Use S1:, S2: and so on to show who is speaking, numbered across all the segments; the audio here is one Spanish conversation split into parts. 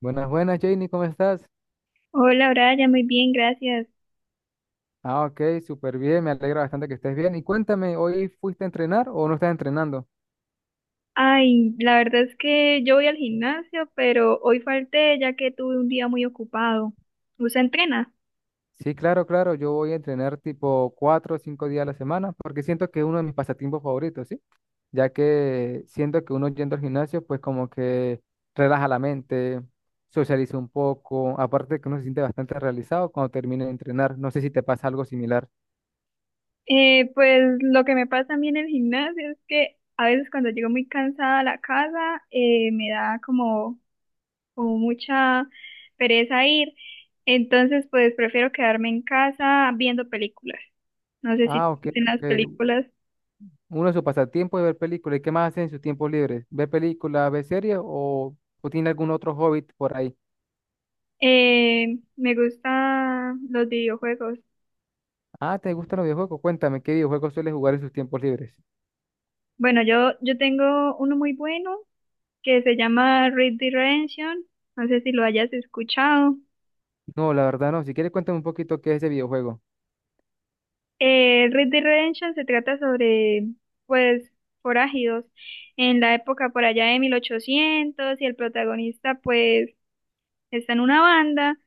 S1: Buenas, buenas, Janie, ¿cómo estás?
S2: Hola, Brian, muy bien, gracias.
S1: Ah, ok, súper bien, me alegra bastante que estés bien. Y cuéntame, ¿hoy fuiste a entrenar o no estás entrenando?
S2: Ay, la verdad es que yo voy al gimnasio, pero hoy falté ya que tuve un día muy ocupado. ¿Usted entrena?
S1: Sí, claro, claro, yo voy a entrenar tipo cuatro o cinco días a la semana porque siento que es uno de mis pasatiempos favoritos, ¿sí? Ya que siento que uno yendo al gimnasio, pues como que relaja la mente, socializa un poco, aparte que uno se siente bastante realizado cuando termina de entrenar. No sé si te pasa algo similar.
S2: Pues lo que me pasa a mí en el gimnasio es que a veces cuando llego muy cansada a la casa, me da como mucha pereza ir. Entonces, pues prefiero quedarme en casa viendo películas. No sé si
S1: Ah, ok,
S2: en las
S1: ok.
S2: películas.
S1: Uno de sus pasatiempos es ver películas. ¿Y qué más hacen en sus tiempos libres? ¿Ver películas, ver series o tiene algún otro hobby por ahí?
S2: Me gustan los videojuegos.
S1: Ah, ¿te gustan los videojuegos? Cuéntame, ¿qué videojuegos sueles jugar en sus tiempos libres?
S2: Bueno, yo tengo uno muy bueno que se llama Red Dead Redemption. No sé si lo hayas escuchado.
S1: No, la verdad no. Si quieres, cuéntame un poquito qué es ese videojuego.
S2: Red Dead Redemption se trata sobre, pues, forajidos en la época por allá de 1800, y el protagonista, pues, está en una banda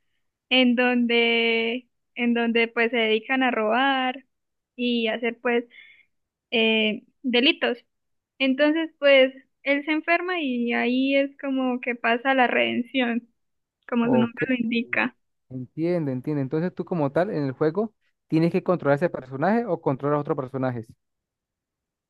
S2: en donde, pues, se dedican a robar y hacer, pues, delitos. Entonces, pues, él se enferma y ahí es como que pasa la redención, como su
S1: O
S2: nombre
S1: qué.
S2: lo indica.
S1: Entiendo, entiendo. Entonces tú como tal en el juego tienes que controlar ese personaje o controlar a otros personajes.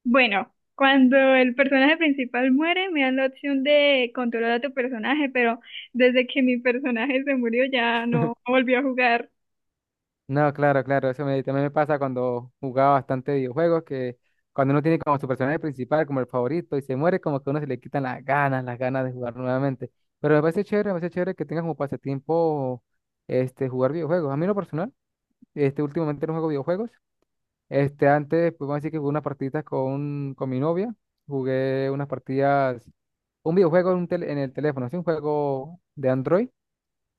S2: Bueno, cuando el personaje principal muere, me dan la opción de controlar a tu personaje, pero desde que mi personaje se murió ya no volvió a jugar.
S1: No, claro, claro, eso me, también me pasa cuando jugaba bastante videojuegos, que cuando uno tiene como su personaje principal, como el favorito, y se muere, como que a uno se le quitan las ganas de jugar nuevamente. Pero me parece chévere que tengas como pasatiempo este, jugar videojuegos. A mí en lo personal, este, últimamente no juego videojuegos. Este, antes, pues vamos a decir que jugué unas partiditas con mi novia, jugué unas partidas, un videojuego en, un en el teléfono, es un juego de Android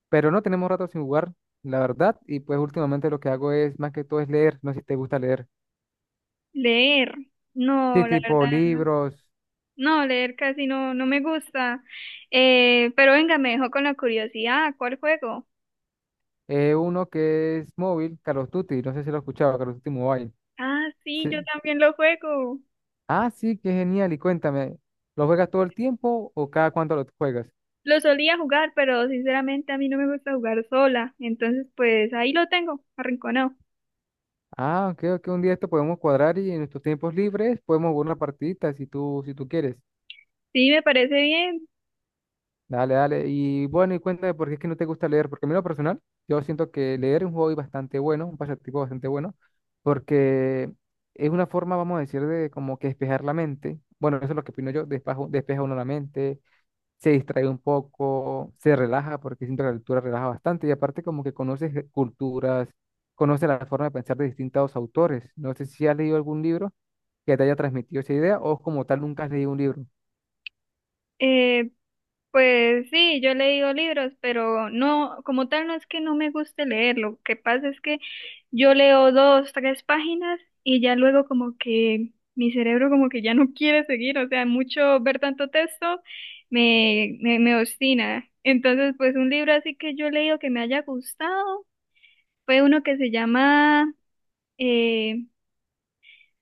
S1: pero no tenemos rato sin jugar, la verdad, y pues últimamente lo que hago es, más que todo, es leer, no sé si te gusta leer.
S2: Leer,
S1: Sí,
S2: no, la
S1: tipo
S2: verdad,
S1: libros,
S2: no, leer casi no, no me gusta. Pero venga, me dejó con la curiosidad, ¿cuál juego?
S1: uno que es móvil, Call of Duty, no sé si lo has escuchado, Call of Duty Mobile.
S2: Ah, sí,
S1: Sí.
S2: yo también lo juego.
S1: Ah, sí, qué genial, y cuéntame, ¿lo juegas todo el tiempo o cada cuánto lo juegas?
S2: Lo solía jugar, pero sinceramente a mí no me gusta jugar sola, entonces pues ahí lo tengo, arrinconado.
S1: Ah, creo que un día esto podemos cuadrar y en nuestros tiempos libres podemos jugar una partidita si tú, si tú quieres.
S2: Sí, me parece bien.
S1: Dale, dale. Y bueno, y cuéntame por qué es que no te gusta leer, porque a mí en lo personal, yo siento que leer es un hobby bastante bueno, un pasatiempo bastante bueno, porque es una forma, vamos a decir, de como que despejar la mente. Bueno, eso es lo que opino yo, despeja, despeja uno la mente, se distrae un poco, se relaja, porque siento que la lectura relaja bastante, y aparte como que conoces culturas, conoces la forma de pensar de distintos autores. No sé si has leído algún libro que te haya transmitido esa idea o como tal nunca has leído un libro.
S2: Eh, Pues sí, yo he leído libros, pero no, como tal no es que no me guste leer, lo que pasa es que yo leo dos, tres páginas y ya luego como que mi cerebro como que ya no quiere seguir, o sea, mucho ver tanto texto me obstina. Entonces, pues un libro así que yo he leído que me haya gustado fue uno que se llama eh,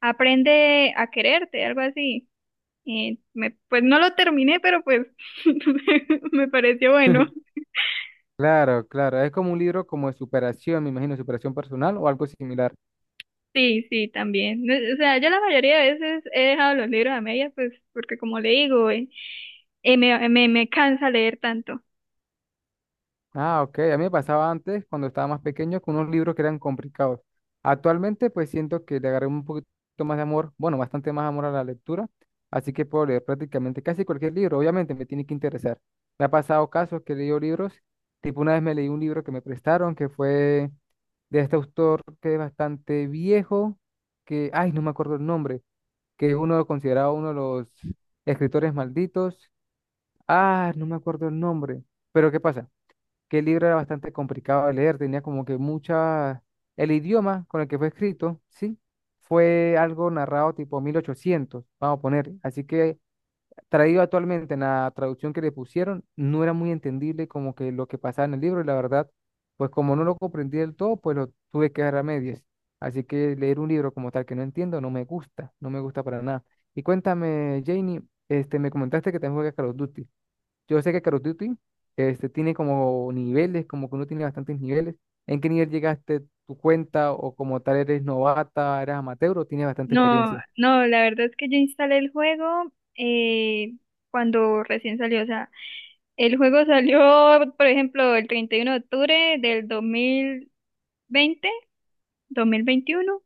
S2: Aprende a quererte, algo así. Pues no lo terminé, pero pues me pareció bueno.
S1: Claro, claro, es como un libro como de superación, me imagino, superación personal o algo similar.
S2: Sí, sí, también. No, o sea, yo la mayoría de veces he dejado los libros a medias, pues, porque como le digo, me cansa leer tanto.
S1: Ah, ok, a mí me pasaba antes, cuando estaba más pequeño, con unos libros que eran complicados. Actualmente, pues siento que le agarré un poquito más de amor, bueno, bastante más amor a la lectura, así que puedo leer prácticamente casi cualquier libro, obviamente me tiene que interesar. Me ha pasado casos que he leído libros, tipo una vez me leí un libro que me prestaron, que fue de este autor que es bastante viejo, que, ay, no me acuerdo el nombre que es uno considerado uno de los escritores malditos. Ah, no me acuerdo el nombre. Pero ¿qué pasa? Que el libro era bastante complicado de leer, tenía como que mucha... El idioma con el que fue escrito, sí, fue algo narrado tipo 1800 vamos a poner. Así que traído actualmente en la traducción que le pusieron, no era muy entendible como que lo que pasaba en el libro y la verdad, pues como no lo comprendí del todo, pues lo tuve que dejar a medias. Así que leer un libro como tal que no entiendo no me gusta, no me gusta para nada. Y cuéntame, Janie, este, me comentaste que también juegas Call of Duty. Yo sé que Call of Duty, este, tiene como niveles, como que uno tiene bastantes niveles. ¿En qué nivel llegaste tu cuenta o como tal eres novata, eres amateur o tienes bastante
S2: No,
S1: experiencia?
S2: no, la verdad es que yo instalé el juego eh, cuando recién salió. O sea, el juego salió, por ejemplo, el 31 de octubre del veinte 2021.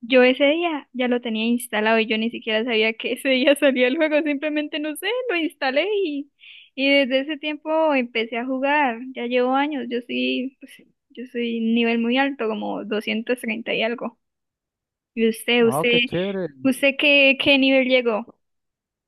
S2: Yo ese día ya lo tenía instalado y yo ni siquiera sabía que ese día salía el juego, simplemente no sé, lo instalé y desde ese tiempo empecé a jugar, ya llevo años. Yo soy, pues, yo soy nivel muy alto, como 230 y algo. ¿Y usted,
S1: Ah,
S2: usted,
S1: qué chévere.
S2: usted qué nivel llegó?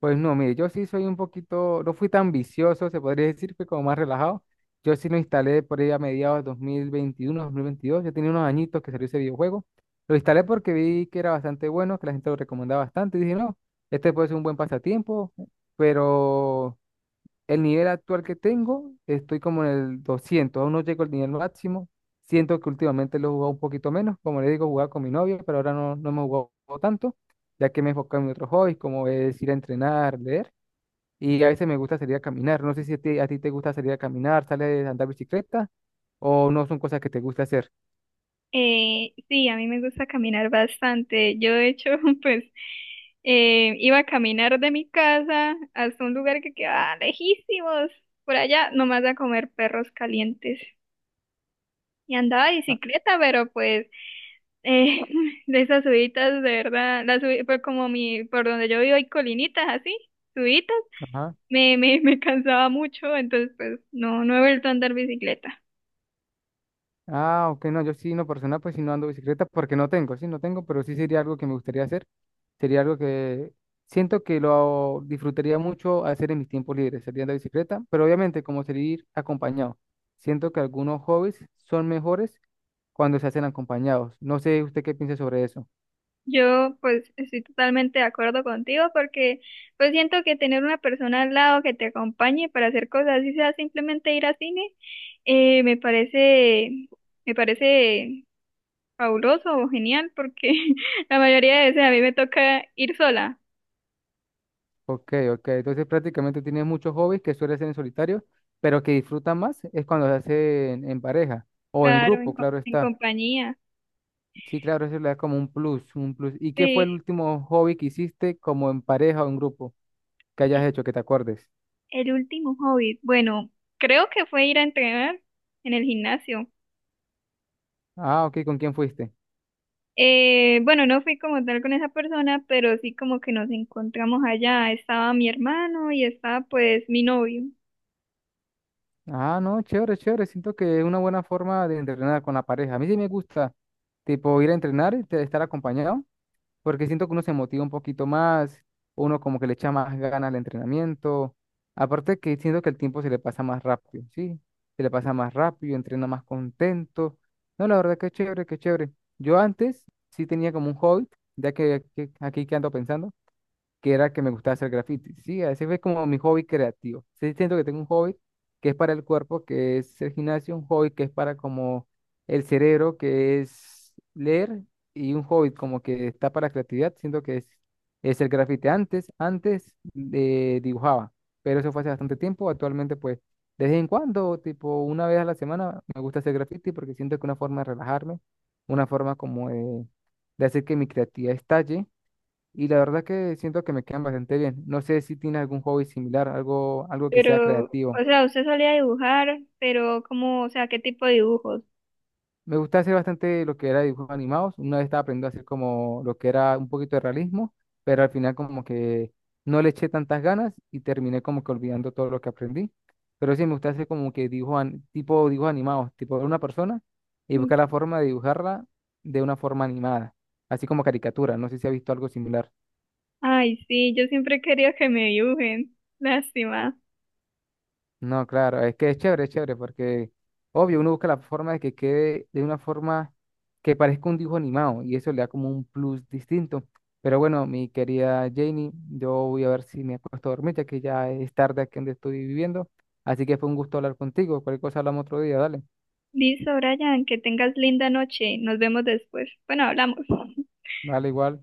S1: Pues no, mire, yo sí soy un poquito, no fui tan vicioso, se podría decir, fui como más relajado. Yo sí lo instalé por ahí a mediados de 2021, 2022, yo tenía unos añitos que salió ese videojuego. Lo instalé porque vi que era bastante bueno, que la gente lo recomendaba bastante, y dije, no, este puede ser un buen pasatiempo, pero el nivel actual que tengo, estoy como en el 200, aún no llego al nivel máximo. Siento que últimamente lo he jugado un poquito menos, como le digo, jugaba con mi novia, pero ahora no, no me he jugado tanto, ya que me he enfocado en mis otros hobbies, como es ir a entrenar, leer, y a veces me gusta salir a caminar. No sé si a ti, a ti te gusta salir a caminar, sales a andar bicicleta, o no son cosas que te gusta hacer.
S2: Sí, a mí me gusta caminar bastante. Yo, de hecho, pues iba a caminar de mi casa hasta un lugar que quedaba lejísimos, por allá, nomás a comer perros calientes. Y andaba de
S1: Ah,
S2: bicicleta, pero pues eh, de esas subidas, de verdad, pues, como mi, por donde yo vivo hay colinitas así, subidas,
S1: ajá.
S2: me cansaba mucho, entonces pues no, no he vuelto a andar bicicleta.
S1: Ah, ok, no, yo sí, no personal, pues sí no ando bicicleta porque no tengo, sí no tengo, pero sí sería algo que me gustaría hacer. Sería algo que siento que lo disfrutaría mucho hacer en mis tiempos libres, sería andar bicicleta, pero obviamente como salir acompañado. Siento que algunos hobbies son mejores cuando se hacen acompañados. No sé usted qué piensa sobre eso.
S2: Yo pues estoy totalmente de acuerdo contigo porque pues siento que tener una persona al lado que te acompañe para hacer cosas, así sea simplemente ir al cine, eh, me parece, me parece fabuloso o genial porque la mayoría de veces a mí me toca ir sola,
S1: Ok, ok, entonces prácticamente tiene muchos hobbies que suele hacer en solitario, pero que disfrutan más es cuando se hacen en pareja o en
S2: claro,
S1: grupo, claro
S2: en
S1: está.
S2: compañía.
S1: Sí, claro, eso le da como un plus, un plus. ¿Y qué fue el
S2: Sí,
S1: último hobby que hiciste como en pareja o en grupo que hayas
S2: e-
S1: hecho, que te acuerdes?
S2: el último hobby, bueno, creo que fue ir a entrenar en el gimnasio.
S1: Ah, ok, ¿con quién fuiste?
S2: Bueno, no fui como tal con esa persona, pero sí como que nos encontramos allá. Estaba mi hermano y estaba pues mi novio.
S1: Ah, no, chévere, chévere. Siento que es una buena forma de entrenar con la pareja. A mí sí me gusta, tipo, ir a entrenar y estar acompañado. Porque siento que uno se motiva un poquito más, uno como que le echa más ganas al entrenamiento, aparte que siento que el tiempo se le pasa más rápido, ¿sí? Se le pasa más rápido, entrena más contento. No, la verdad que chévere, que chévere. Yo antes sí tenía como un hobby, ya que, aquí que ando pensando que era que me gustaba hacer graffiti. Sí, ese fue como mi hobby creativo. Sí, siento que tengo un hobby que es para el cuerpo, que es el gimnasio, un hobby que es para como el cerebro, que es leer, y un hobby como que está para creatividad. Siento que es el graffiti. Antes, antes dibujaba, pero eso fue hace bastante tiempo. Actualmente, pues, de vez en cuando, tipo una vez a la semana, me gusta hacer graffiti porque siento que es una forma de relajarme, una forma como de hacer que mi creatividad estalle y la verdad que siento que me quedan bastante bien. No sé si tiene algún hobby similar, algo, algo que sea
S2: Pero,
S1: creativo.
S2: o sea, usted solía dibujar, pero como, o sea, ¿qué tipo de dibujos?
S1: Me gusta hacer bastante lo que era dibujos animados. Una vez estaba aprendiendo a hacer como lo que era un poquito de realismo, pero al final como que no le eché tantas ganas y terminé como que olvidando todo lo que aprendí. Pero sí, me gusta hacer como que dibujos, tipo dibujos animados, tipo de una persona y buscar la forma de dibujarla de una forma animada, así como caricatura. No sé si ha visto algo similar.
S2: Ay, sí, yo siempre quería que me dibujen. Lástima.
S1: No, claro, es que es chévere, porque obvio, uno busca la forma de que quede de una forma que parezca un dibujo animado y eso le da como un plus distinto. Pero bueno, mi querida Janie, yo voy a ver si me acuesto a dormir, ya que ya es tarde aquí donde estoy viviendo. Así que fue un gusto hablar contigo. Cualquier cosa hablamos otro día, dale.
S2: Listo, Brian, que tengas linda noche. Nos vemos después. Bueno, hablamos.
S1: Vale, igual.